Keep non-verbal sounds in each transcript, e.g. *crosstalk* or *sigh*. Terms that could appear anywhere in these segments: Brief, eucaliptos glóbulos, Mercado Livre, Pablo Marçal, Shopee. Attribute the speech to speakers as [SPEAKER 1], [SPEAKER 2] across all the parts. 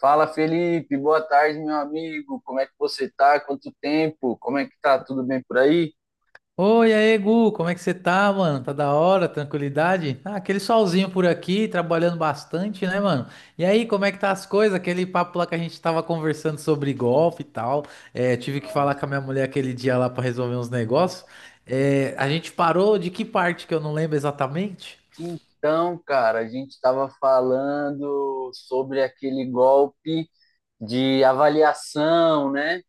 [SPEAKER 1] Fala Felipe, boa tarde, meu amigo. Como é que você tá? Quanto tempo? Como é que tá? Tudo bem por aí?
[SPEAKER 2] Oi, aí, Gu, como é que você tá, mano? Tá da hora, tranquilidade? Ah, aquele solzinho por aqui, trabalhando bastante, né, mano? E aí, como é que tá as coisas? Aquele papo lá que a gente tava conversando sobre golfe e tal. É, tive que falar com a minha mulher aquele dia lá pra resolver uns negócios. É, a gente parou de que parte que eu não lembro exatamente?
[SPEAKER 1] Então, cara, a gente estava falando sobre aquele golpe de avaliação, né?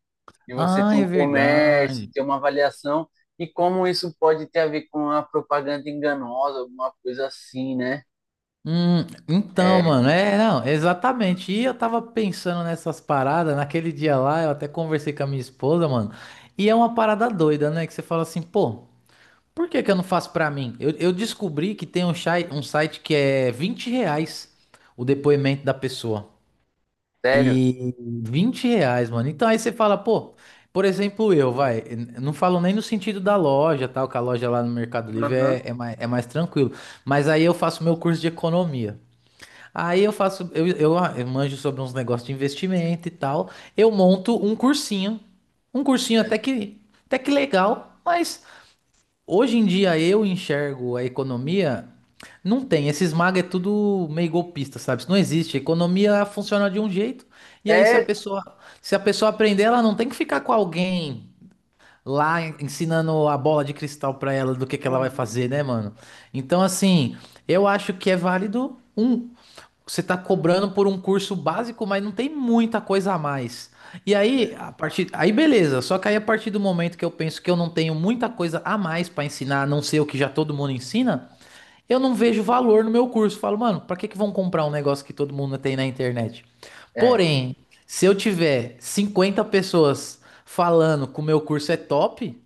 [SPEAKER 1] De você
[SPEAKER 2] Ah,
[SPEAKER 1] ter um
[SPEAKER 2] é
[SPEAKER 1] comércio,
[SPEAKER 2] verdade.
[SPEAKER 1] ter uma avaliação, e como isso pode ter a ver com a propaganda enganosa, alguma coisa assim, né?
[SPEAKER 2] Hum. Então, mano, é, não, exatamente. E eu tava pensando nessas paradas, naquele dia lá, eu até conversei com a minha esposa, mano, e é uma parada doida, né? Que você fala assim, pô, por que que eu não faço pra mim? Eu descobri que tem um site que é R$ 20 o depoimento da pessoa.
[SPEAKER 1] Sério?
[SPEAKER 2] E R$ 20, mano. Então aí você fala, pô, por exemplo, eu, vai, eu não falo nem no sentido da loja, tal, que a loja lá no Mercado Livre
[SPEAKER 1] Aham.
[SPEAKER 2] é mais tranquilo. Mas aí eu faço meu curso de economia. Aí eu faço, eu manjo sobre uns negócios de investimento e tal. Eu monto um cursinho. Um cursinho até que legal, mas hoje em dia eu enxergo a economia. Não tem, esses maga é tudo meio golpista, sabe? Isso não existe. A economia funciona de um jeito, e aí se a
[SPEAKER 1] É.
[SPEAKER 2] pessoa, se a pessoa aprender, ela não tem que ficar com alguém lá ensinando a bola de cristal pra ela do que ela vai
[SPEAKER 1] Uhum.
[SPEAKER 2] fazer, né, mano? Então, assim, eu acho que é válido um. Você está cobrando por um curso básico, mas não tem muita coisa a mais. E aí, aí beleza. Só que aí a partir do momento que eu penso que eu não tenho muita coisa a mais para ensinar, a não ser o que já todo mundo ensina, eu não vejo valor no meu curso. Falo, mano, para que que vão comprar um negócio que todo mundo tem na internet?
[SPEAKER 1] é,
[SPEAKER 2] Porém, se eu tiver 50 pessoas falando que o meu curso é top,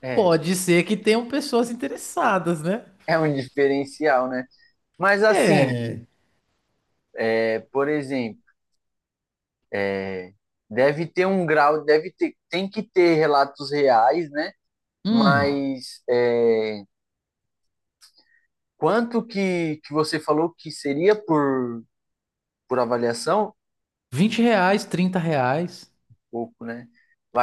[SPEAKER 1] é,
[SPEAKER 2] pode ser que tenham pessoas interessadas, né?
[SPEAKER 1] é um diferencial, né? Mas assim.
[SPEAKER 2] É.
[SPEAKER 1] É, por exemplo, é, deve ter um grau, tem que ter relatos reais, né?
[SPEAKER 2] Hum,
[SPEAKER 1] Mas quanto que você falou que seria por avaliação?
[SPEAKER 2] R$ 20, R$ 30.
[SPEAKER 1] Pouco, né?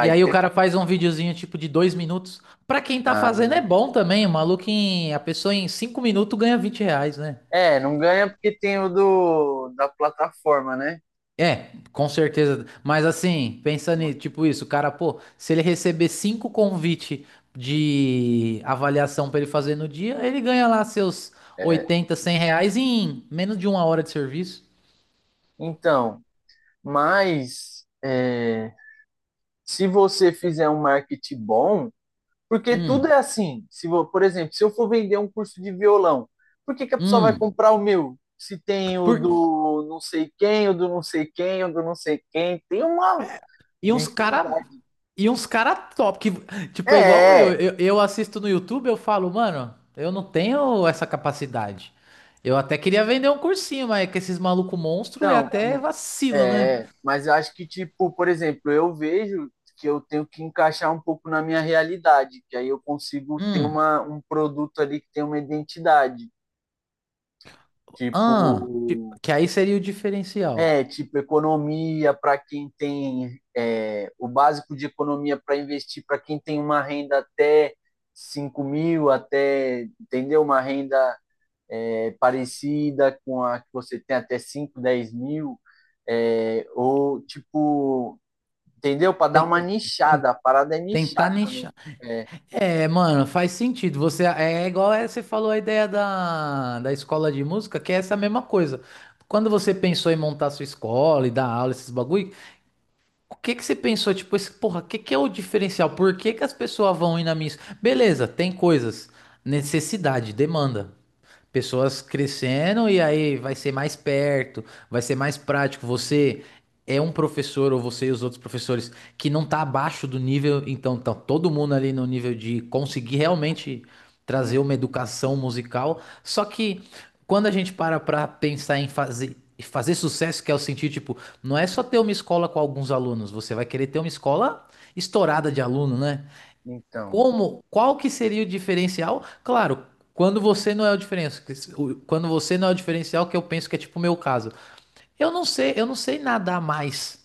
[SPEAKER 2] E aí o
[SPEAKER 1] ter.
[SPEAKER 2] cara faz um videozinho tipo de 2 minutos. Pra quem tá
[SPEAKER 1] Ah,
[SPEAKER 2] fazendo é bom também. A pessoa em 5 minutos ganha R$ 20, né?
[SPEAKER 1] é, não ganha porque tem da plataforma, né?
[SPEAKER 2] É, com certeza. Mas assim, pensando em tipo isso, o cara, pô, se ele receber cinco convite de avaliação pra ele fazer no dia, ele ganha lá seus
[SPEAKER 1] É,
[SPEAKER 2] 80 100 reais em menos de uma hora de serviço.
[SPEAKER 1] então, mas se você fizer um marketing bom. Porque tudo
[SPEAKER 2] Hum,
[SPEAKER 1] é assim. Se vou, por exemplo, se eu for vender um curso de violão, por que que a pessoa vai
[SPEAKER 2] hum.
[SPEAKER 1] comprar o meu? Se tem o
[SPEAKER 2] Por,
[SPEAKER 1] do não sei quem, o do não sei quem, o do não sei quem, tem uma
[SPEAKER 2] E uns cara.
[SPEAKER 1] infinidade.
[SPEAKER 2] E uns cara top. Que, tipo, é igual
[SPEAKER 1] É,
[SPEAKER 2] eu,
[SPEAKER 1] é,
[SPEAKER 2] eu. Eu assisto no YouTube, eu falo, mano, eu não tenho essa capacidade. Eu até queria vender um cursinho, mas é que esses maluco monstro é
[SPEAKER 1] então,
[SPEAKER 2] até vacilo, né?
[SPEAKER 1] mas eu acho que, tipo, por exemplo, eu vejo que eu tenho que encaixar um pouco na minha realidade, que aí eu consigo ter
[SPEAKER 2] Hum.
[SPEAKER 1] um produto ali que tem uma identidade. Tipo,
[SPEAKER 2] Que aí seria o diferencial.
[SPEAKER 1] é, tipo, economia para quem tem o básico de economia para investir, para quem tem uma renda até 5 mil, entendeu? Uma renda parecida com a que você tem até 5 10 mil, ou tipo, entendeu? Para dar uma
[SPEAKER 2] Ten-
[SPEAKER 1] nichada, a parada é
[SPEAKER 2] Tentar
[SPEAKER 1] nichar. Quando,
[SPEAKER 2] nichar.
[SPEAKER 1] é,
[SPEAKER 2] É, mano, faz sentido. Você é igual é, você falou a ideia da escola de música, que é essa mesma coisa. Quando você pensou em montar sua escola e dar aula, esses bagulho, o que que você pensou, tipo, esse, porra, o que que é o diferencial? Por que que as pessoas vão ir na minha... Beleza, tem coisas, necessidade, demanda, pessoas crescendo e aí vai ser mais perto, vai ser mais prático. Você é um professor ou você e os outros professores que não tá abaixo do nível, então tá todo mundo ali no nível de conseguir realmente trazer uma educação musical. Só que quando a gente para pra pensar em fazer sucesso, que é o sentido, tipo, não é só ter uma escola com alguns alunos, você vai querer ter uma escola estourada de aluno, né?
[SPEAKER 1] então,
[SPEAKER 2] Como, qual que seria o diferencial? Claro, quando você não é o diferencial, quando você não é o diferencial, que eu penso que é tipo o meu caso. Eu não sei nadar mais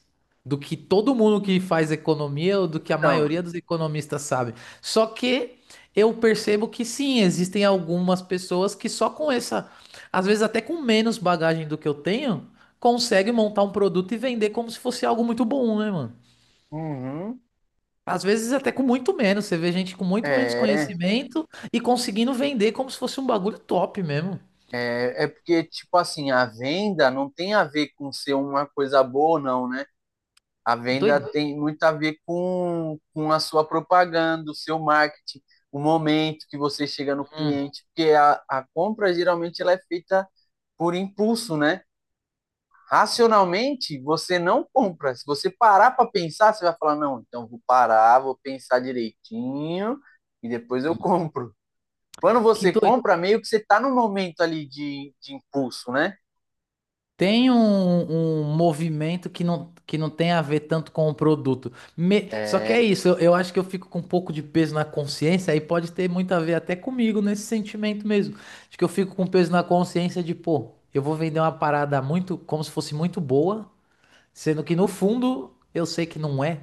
[SPEAKER 2] do que todo mundo que faz economia ou do que a
[SPEAKER 1] então,
[SPEAKER 2] maioria dos economistas sabe. Só que eu percebo que sim, existem algumas pessoas que só com essa, às vezes até com menos bagagem do que eu tenho, conseguem montar um produto e vender como se fosse algo muito bom, né, mano?
[SPEAKER 1] uhum,
[SPEAKER 2] Às vezes até com muito menos. Você vê gente com muito menos
[SPEAKER 1] é.
[SPEAKER 2] conhecimento e conseguindo vender como se fosse um bagulho top mesmo.
[SPEAKER 1] É, porque, tipo assim, a venda não tem a ver com ser uma coisa boa ou não, né? A venda
[SPEAKER 2] Doido.
[SPEAKER 1] tem muito a ver com a sua propaganda, o seu marketing, o momento que você chega no
[SPEAKER 2] Hum,
[SPEAKER 1] cliente, porque a compra geralmente ela é feita por impulso, né? Racionalmente, você não compra. Se você parar para pensar, você vai falar: não, então vou parar, vou pensar direitinho e depois eu compro. Quando
[SPEAKER 2] que
[SPEAKER 1] você
[SPEAKER 2] doido.
[SPEAKER 1] compra, meio que você está no momento ali de impulso, né?
[SPEAKER 2] Tem um movimento que não tem a ver tanto com o produto. Só que é isso, eu acho que eu fico com um pouco de peso na consciência, aí pode ter muito a ver até comigo nesse sentimento mesmo. Acho que eu fico com peso na consciência de, pô, eu vou vender uma parada muito, como se fosse muito boa, sendo que no fundo eu sei que não é.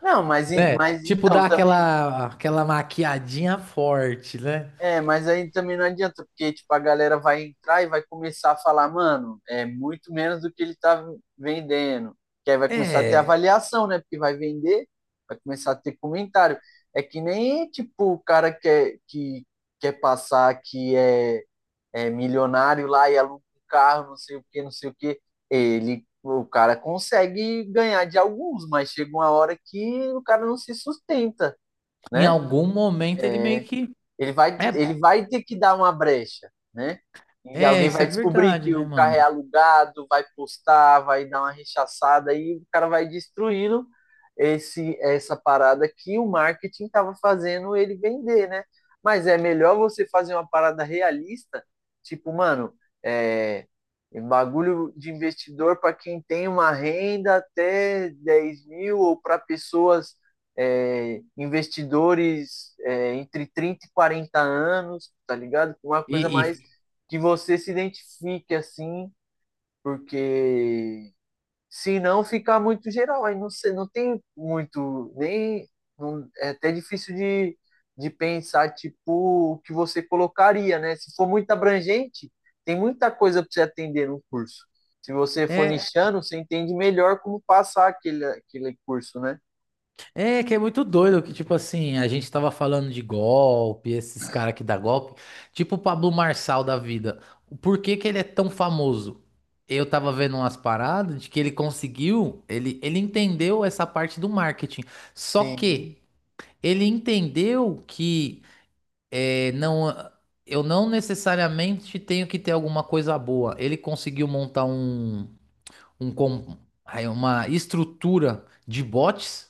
[SPEAKER 1] Não, mas,
[SPEAKER 2] Né?
[SPEAKER 1] mas
[SPEAKER 2] Tipo,
[SPEAKER 1] então
[SPEAKER 2] dá
[SPEAKER 1] também.
[SPEAKER 2] aquela, aquela maquiadinha forte, né?
[SPEAKER 1] É, mas aí também não adianta, porque tipo, a galera vai entrar e vai começar a falar, mano, é muito menos do que ele tá vendendo. Que aí vai começar a ter
[SPEAKER 2] É,
[SPEAKER 1] avaliação, né? Porque vai vender, vai começar a ter comentário. É que nem tipo o cara que quer passar que é milionário lá e aluga um carro, não sei o que, não sei o que. O cara consegue ganhar de alguns, mas chega uma hora que o cara não se sustenta,
[SPEAKER 2] em
[SPEAKER 1] né?
[SPEAKER 2] algum momento ele meio que.
[SPEAKER 1] Ele vai,
[SPEAKER 2] É,
[SPEAKER 1] ele vai ter que dar uma brecha, né? E
[SPEAKER 2] é,
[SPEAKER 1] alguém
[SPEAKER 2] isso é
[SPEAKER 1] vai descobrir
[SPEAKER 2] verdade,
[SPEAKER 1] que
[SPEAKER 2] né,
[SPEAKER 1] o carro é
[SPEAKER 2] mano?
[SPEAKER 1] alugado, vai postar, vai dar uma rechaçada e o cara vai destruindo esse essa parada que o marketing estava fazendo ele vender, né? Mas é melhor você fazer uma parada realista, tipo, mano, é, um bagulho de investidor para quem tem uma renda até 10 mil ou para pessoas, investidores, entre 30 e 40 anos, tá ligado? Uma
[SPEAKER 2] E,
[SPEAKER 1] coisa
[SPEAKER 2] e-
[SPEAKER 1] mais que você se identifique assim, porque se não ficar muito geral, aí não sei, não tem muito, nem é até difícil de pensar tipo o que você colocaria, né? Se for muito abrangente, tem muita coisa para você atender no curso. Se você for
[SPEAKER 2] é,
[SPEAKER 1] nichando, você entende melhor como passar aquele curso, né?
[SPEAKER 2] é, que é muito doido que, tipo assim, a gente tava falando de golpe, esses caras que dá golpe, tipo o Pablo Marçal da vida. Por que que ele é tão famoso? Eu tava vendo umas paradas de que ele conseguiu, ele entendeu essa parte do marketing. Só
[SPEAKER 1] Sim.
[SPEAKER 2] que ele entendeu que é, não, eu não necessariamente tenho que ter alguma coisa boa. Ele conseguiu montar um com- aí uma estrutura de bots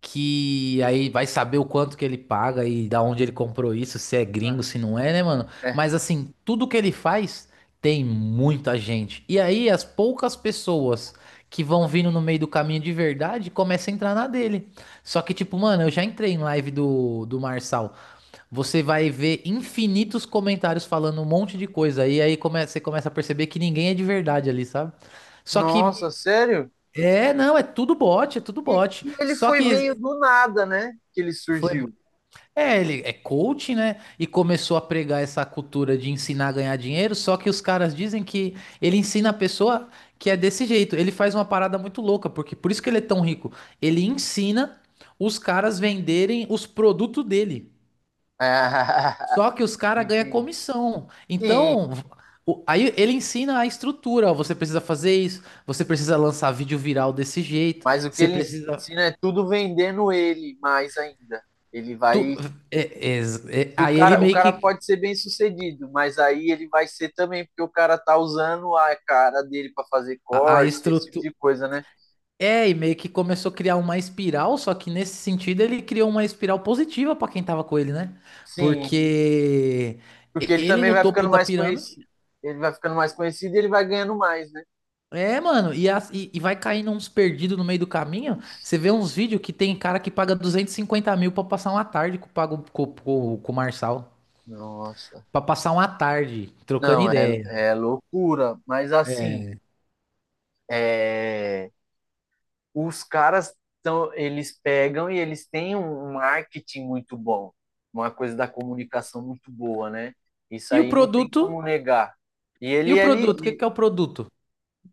[SPEAKER 2] que aí vai saber o quanto que ele paga e da onde ele comprou isso, se é
[SPEAKER 1] Ah,
[SPEAKER 2] gringo, se não é, né, mano?
[SPEAKER 1] é.
[SPEAKER 2] Mas assim, tudo que ele faz tem muita gente. E aí as poucas pessoas que vão vindo no meio do caminho de verdade começam a entrar na dele. Só que tipo, mano, eu já entrei em live do Marçal. Você vai ver infinitos comentários falando um monte de coisa. E aí você começa a perceber que ninguém é de verdade ali, sabe? Só que.
[SPEAKER 1] Nossa, sério?
[SPEAKER 2] É, não, é tudo bot, é tudo
[SPEAKER 1] E,
[SPEAKER 2] bot.
[SPEAKER 1] e ele
[SPEAKER 2] Só
[SPEAKER 1] foi
[SPEAKER 2] que
[SPEAKER 1] meio do nada, né? Que ele
[SPEAKER 2] foi.
[SPEAKER 1] surgiu.
[SPEAKER 2] É, ele é coach, né? E começou a pregar essa cultura de ensinar a ganhar dinheiro. Só que os caras dizem que ele ensina a pessoa que é desse jeito. Ele faz uma parada muito louca, porque por isso que ele é tão rico. Ele ensina os caras venderem os produtos dele.
[SPEAKER 1] Ah,
[SPEAKER 2] Só
[SPEAKER 1] *laughs*
[SPEAKER 2] que os caras ganham
[SPEAKER 1] entendi.
[SPEAKER 2] comissão.
[SPEAKER 1] Sim,
[SPEAKER 2] Então, aí ele ensina a estrutura. Ó, você precisa fazer isso, você precisa lançar vídeo viral desse jeito,
[SPEAKER 1] mas o que
[SPEAKER 2] você
[SPEAKER 1] ele
[SPEAKER 2] precisa.
[SPEAKER 1] ensina é tudo vendendo ele mais ainda. Ele
[SPEAKER 2] tu-
[SPEAKER 1] vai. Se o
[SPEAKER 2] aí ele meio
[SPEAKER 1] cara
[SPEAKER 2] que.
[SPEAKER 1] pode ser bem sucedido, mas aí ele vai ser também, porque o cara tá usando a cara dele para fazer
[SPEAKER 2] A
[SPEAKER 1] corte, esse tipo
[SPEAKER 2] estrutura.
[SPEAKER 1] de coisa, né?
[SPEAKER 2] É, e meio que começou a criar uma espiral, só que nesse sentido ele criou uma espiral positiva pra quem tava com ele, né?
[SPEAKER 1] Sim,
[SPEAKER 2] Porque
[SPEAKER 1] porque ele
[SPEAKER 2] ele
[SPEAKER 1] também
[SPEAKER 2] no
[SPEAKER 1] vai
[SPEAKER 2] topo
[SPEAKER 1] ficando
[SPEAKER 2] da
[SPEAKER 1] mais
[SPEAKER 2] pirâmide.
[SPEAKER 1] conhecido. Ele vai ficando mais conhecido e ele vai ganhando mais, né?
[SPEAKER 2] É, mano, e vai caindo uns perdidos no meio do caminho. Você vê uns vídeos que tem cara que paga 250 mil pra passar uma tarde com, pago- com o Marçal.
[SPEAKER 1] Nossa.
[SPEAKER 2] Pra passar uma tarde trocando
[SPEAKER 1] Não, é,
[SPEAKER 2] ideia.
[SPEAKER 1] loucura. Mas assim. É, os caras, então, eles pegam e eles têm um marketing muito bom, uma coisa da comunicação muito boa, né? Isso
[SPEAKER 2] E o
[SPEAKER 1] aí não tem
[SPEAKER 2] produto?
[SPEAKER 1] como negar. E
[SPEAKER 2] E o produto? O que que é o produto?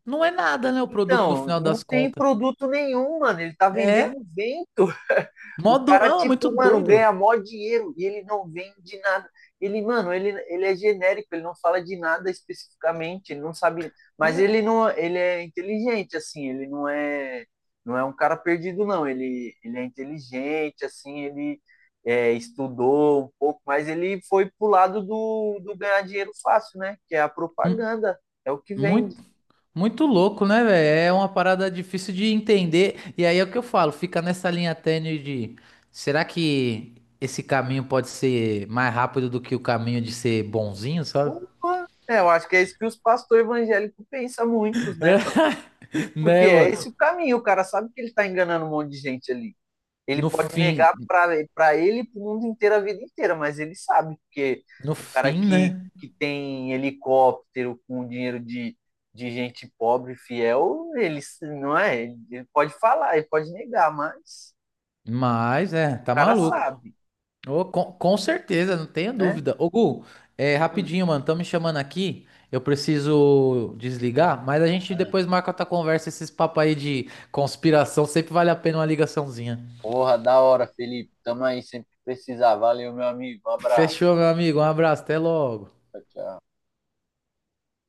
[SPEAKER 2] Não é nada, né? O produto no
[SPEAKER 1] então,
[SPEAKER 2] final
[SPEAKER 1] não
[SPEAKER 2] das
[SPEAKER 1] tem
[SPEAKER 2] contas.
[SPEAKER 1] produto nenhum, mano. Ele tá
[SPEAKER 2] É?
[SPEAKER 1] vendendo vento. *laughs* O
[SPEAKER 2] Modo.
[SPEAKER 1] cara,
[SPEAKER 2] Ah, muito
[SPEAKER 1] tipo, mano,
[SPEAKER 2] doido.
[SPEAKER 1] ganha mó dinheiro e ele não vende nada. Ele, mano, ele é genérico, ele não fala de nada especificamente, ele não sabe. Mas ele não, ele é inteligente, assim, ele não é, um cara perdido, não. Ele é inteligente, assim, ele estudou um pouco, mas ele foi pro lado do ganhar dinheiro fácil, né? Que é a
[SPEAKER 2] Hum.
[SPEAKER 1] propaganda, é o que vende.
[SPEAKER 2] Muito. Muito louco, né, velho? É uma parada difícil de entender. E aí é o que eu falo, fica nessa linha tênue de será que esse caminho pode ser mais rápido do que o caminho de ser bonzinho, sabe?
[SPEAKER 1] Opa! É, eu acho que é isso que os pastores evangélicos pensam muitos, né, mano?
[SPEAKER 2] *laughs*
[SPEAKER 1] Porque
[SPEAKER 2] Né,
[SPEAKER 1] é
[SPEAKER 2] mano?
[SPEAKER 1] esse o caminho, o cara sabe que ele tá enganando um monte de gente ali. Ele
[SPEAKER 2] No
[SPEAKER 1] pode
[SPEAKER 2] fim,
[SPEAKER 1] negar para ele e pro mundo inteiro a vida inteira, mas ele sabe, porque
[SPEAKER 2] no
[SPEAKER 1] o cara
[SPEAKER 2] fim, né?
[SPEAKER 1] que tem helicóptero com dinheiro de gente pobre, fiel. Não é, ele pode falar, ele pode negar, mas
[SPEAKER 2] Mas é,
[SPEAKER 1] o
[SPEAKER 2] tá
[SPEAKER 1] cara
[SPEAKER 2] maluco.
[SPEAKER 1] sabe,
[SPEAKER 2] Ô, com certeza, não tenha
[SPEAKER 1] né?
[SPEAKER 2] dúvida. Ô, Gu, é, rapidinho, mano, estão me chamando aqui. Eu preciso desligar, mas a gente depois marca outra conversa. Esses papos aí de conspiração sempre vale a pena uma ligaçãozinha.
[SPEAKER 1] Porra, da hora, Felipe. Tamo aí sempre que precisar. Valeu, meu amigo. Um abraço.
[SPEAKER 2] Fechou, meu amigo. Um abraço, até logo.
[SPEAKER 1] Tchau, tchau.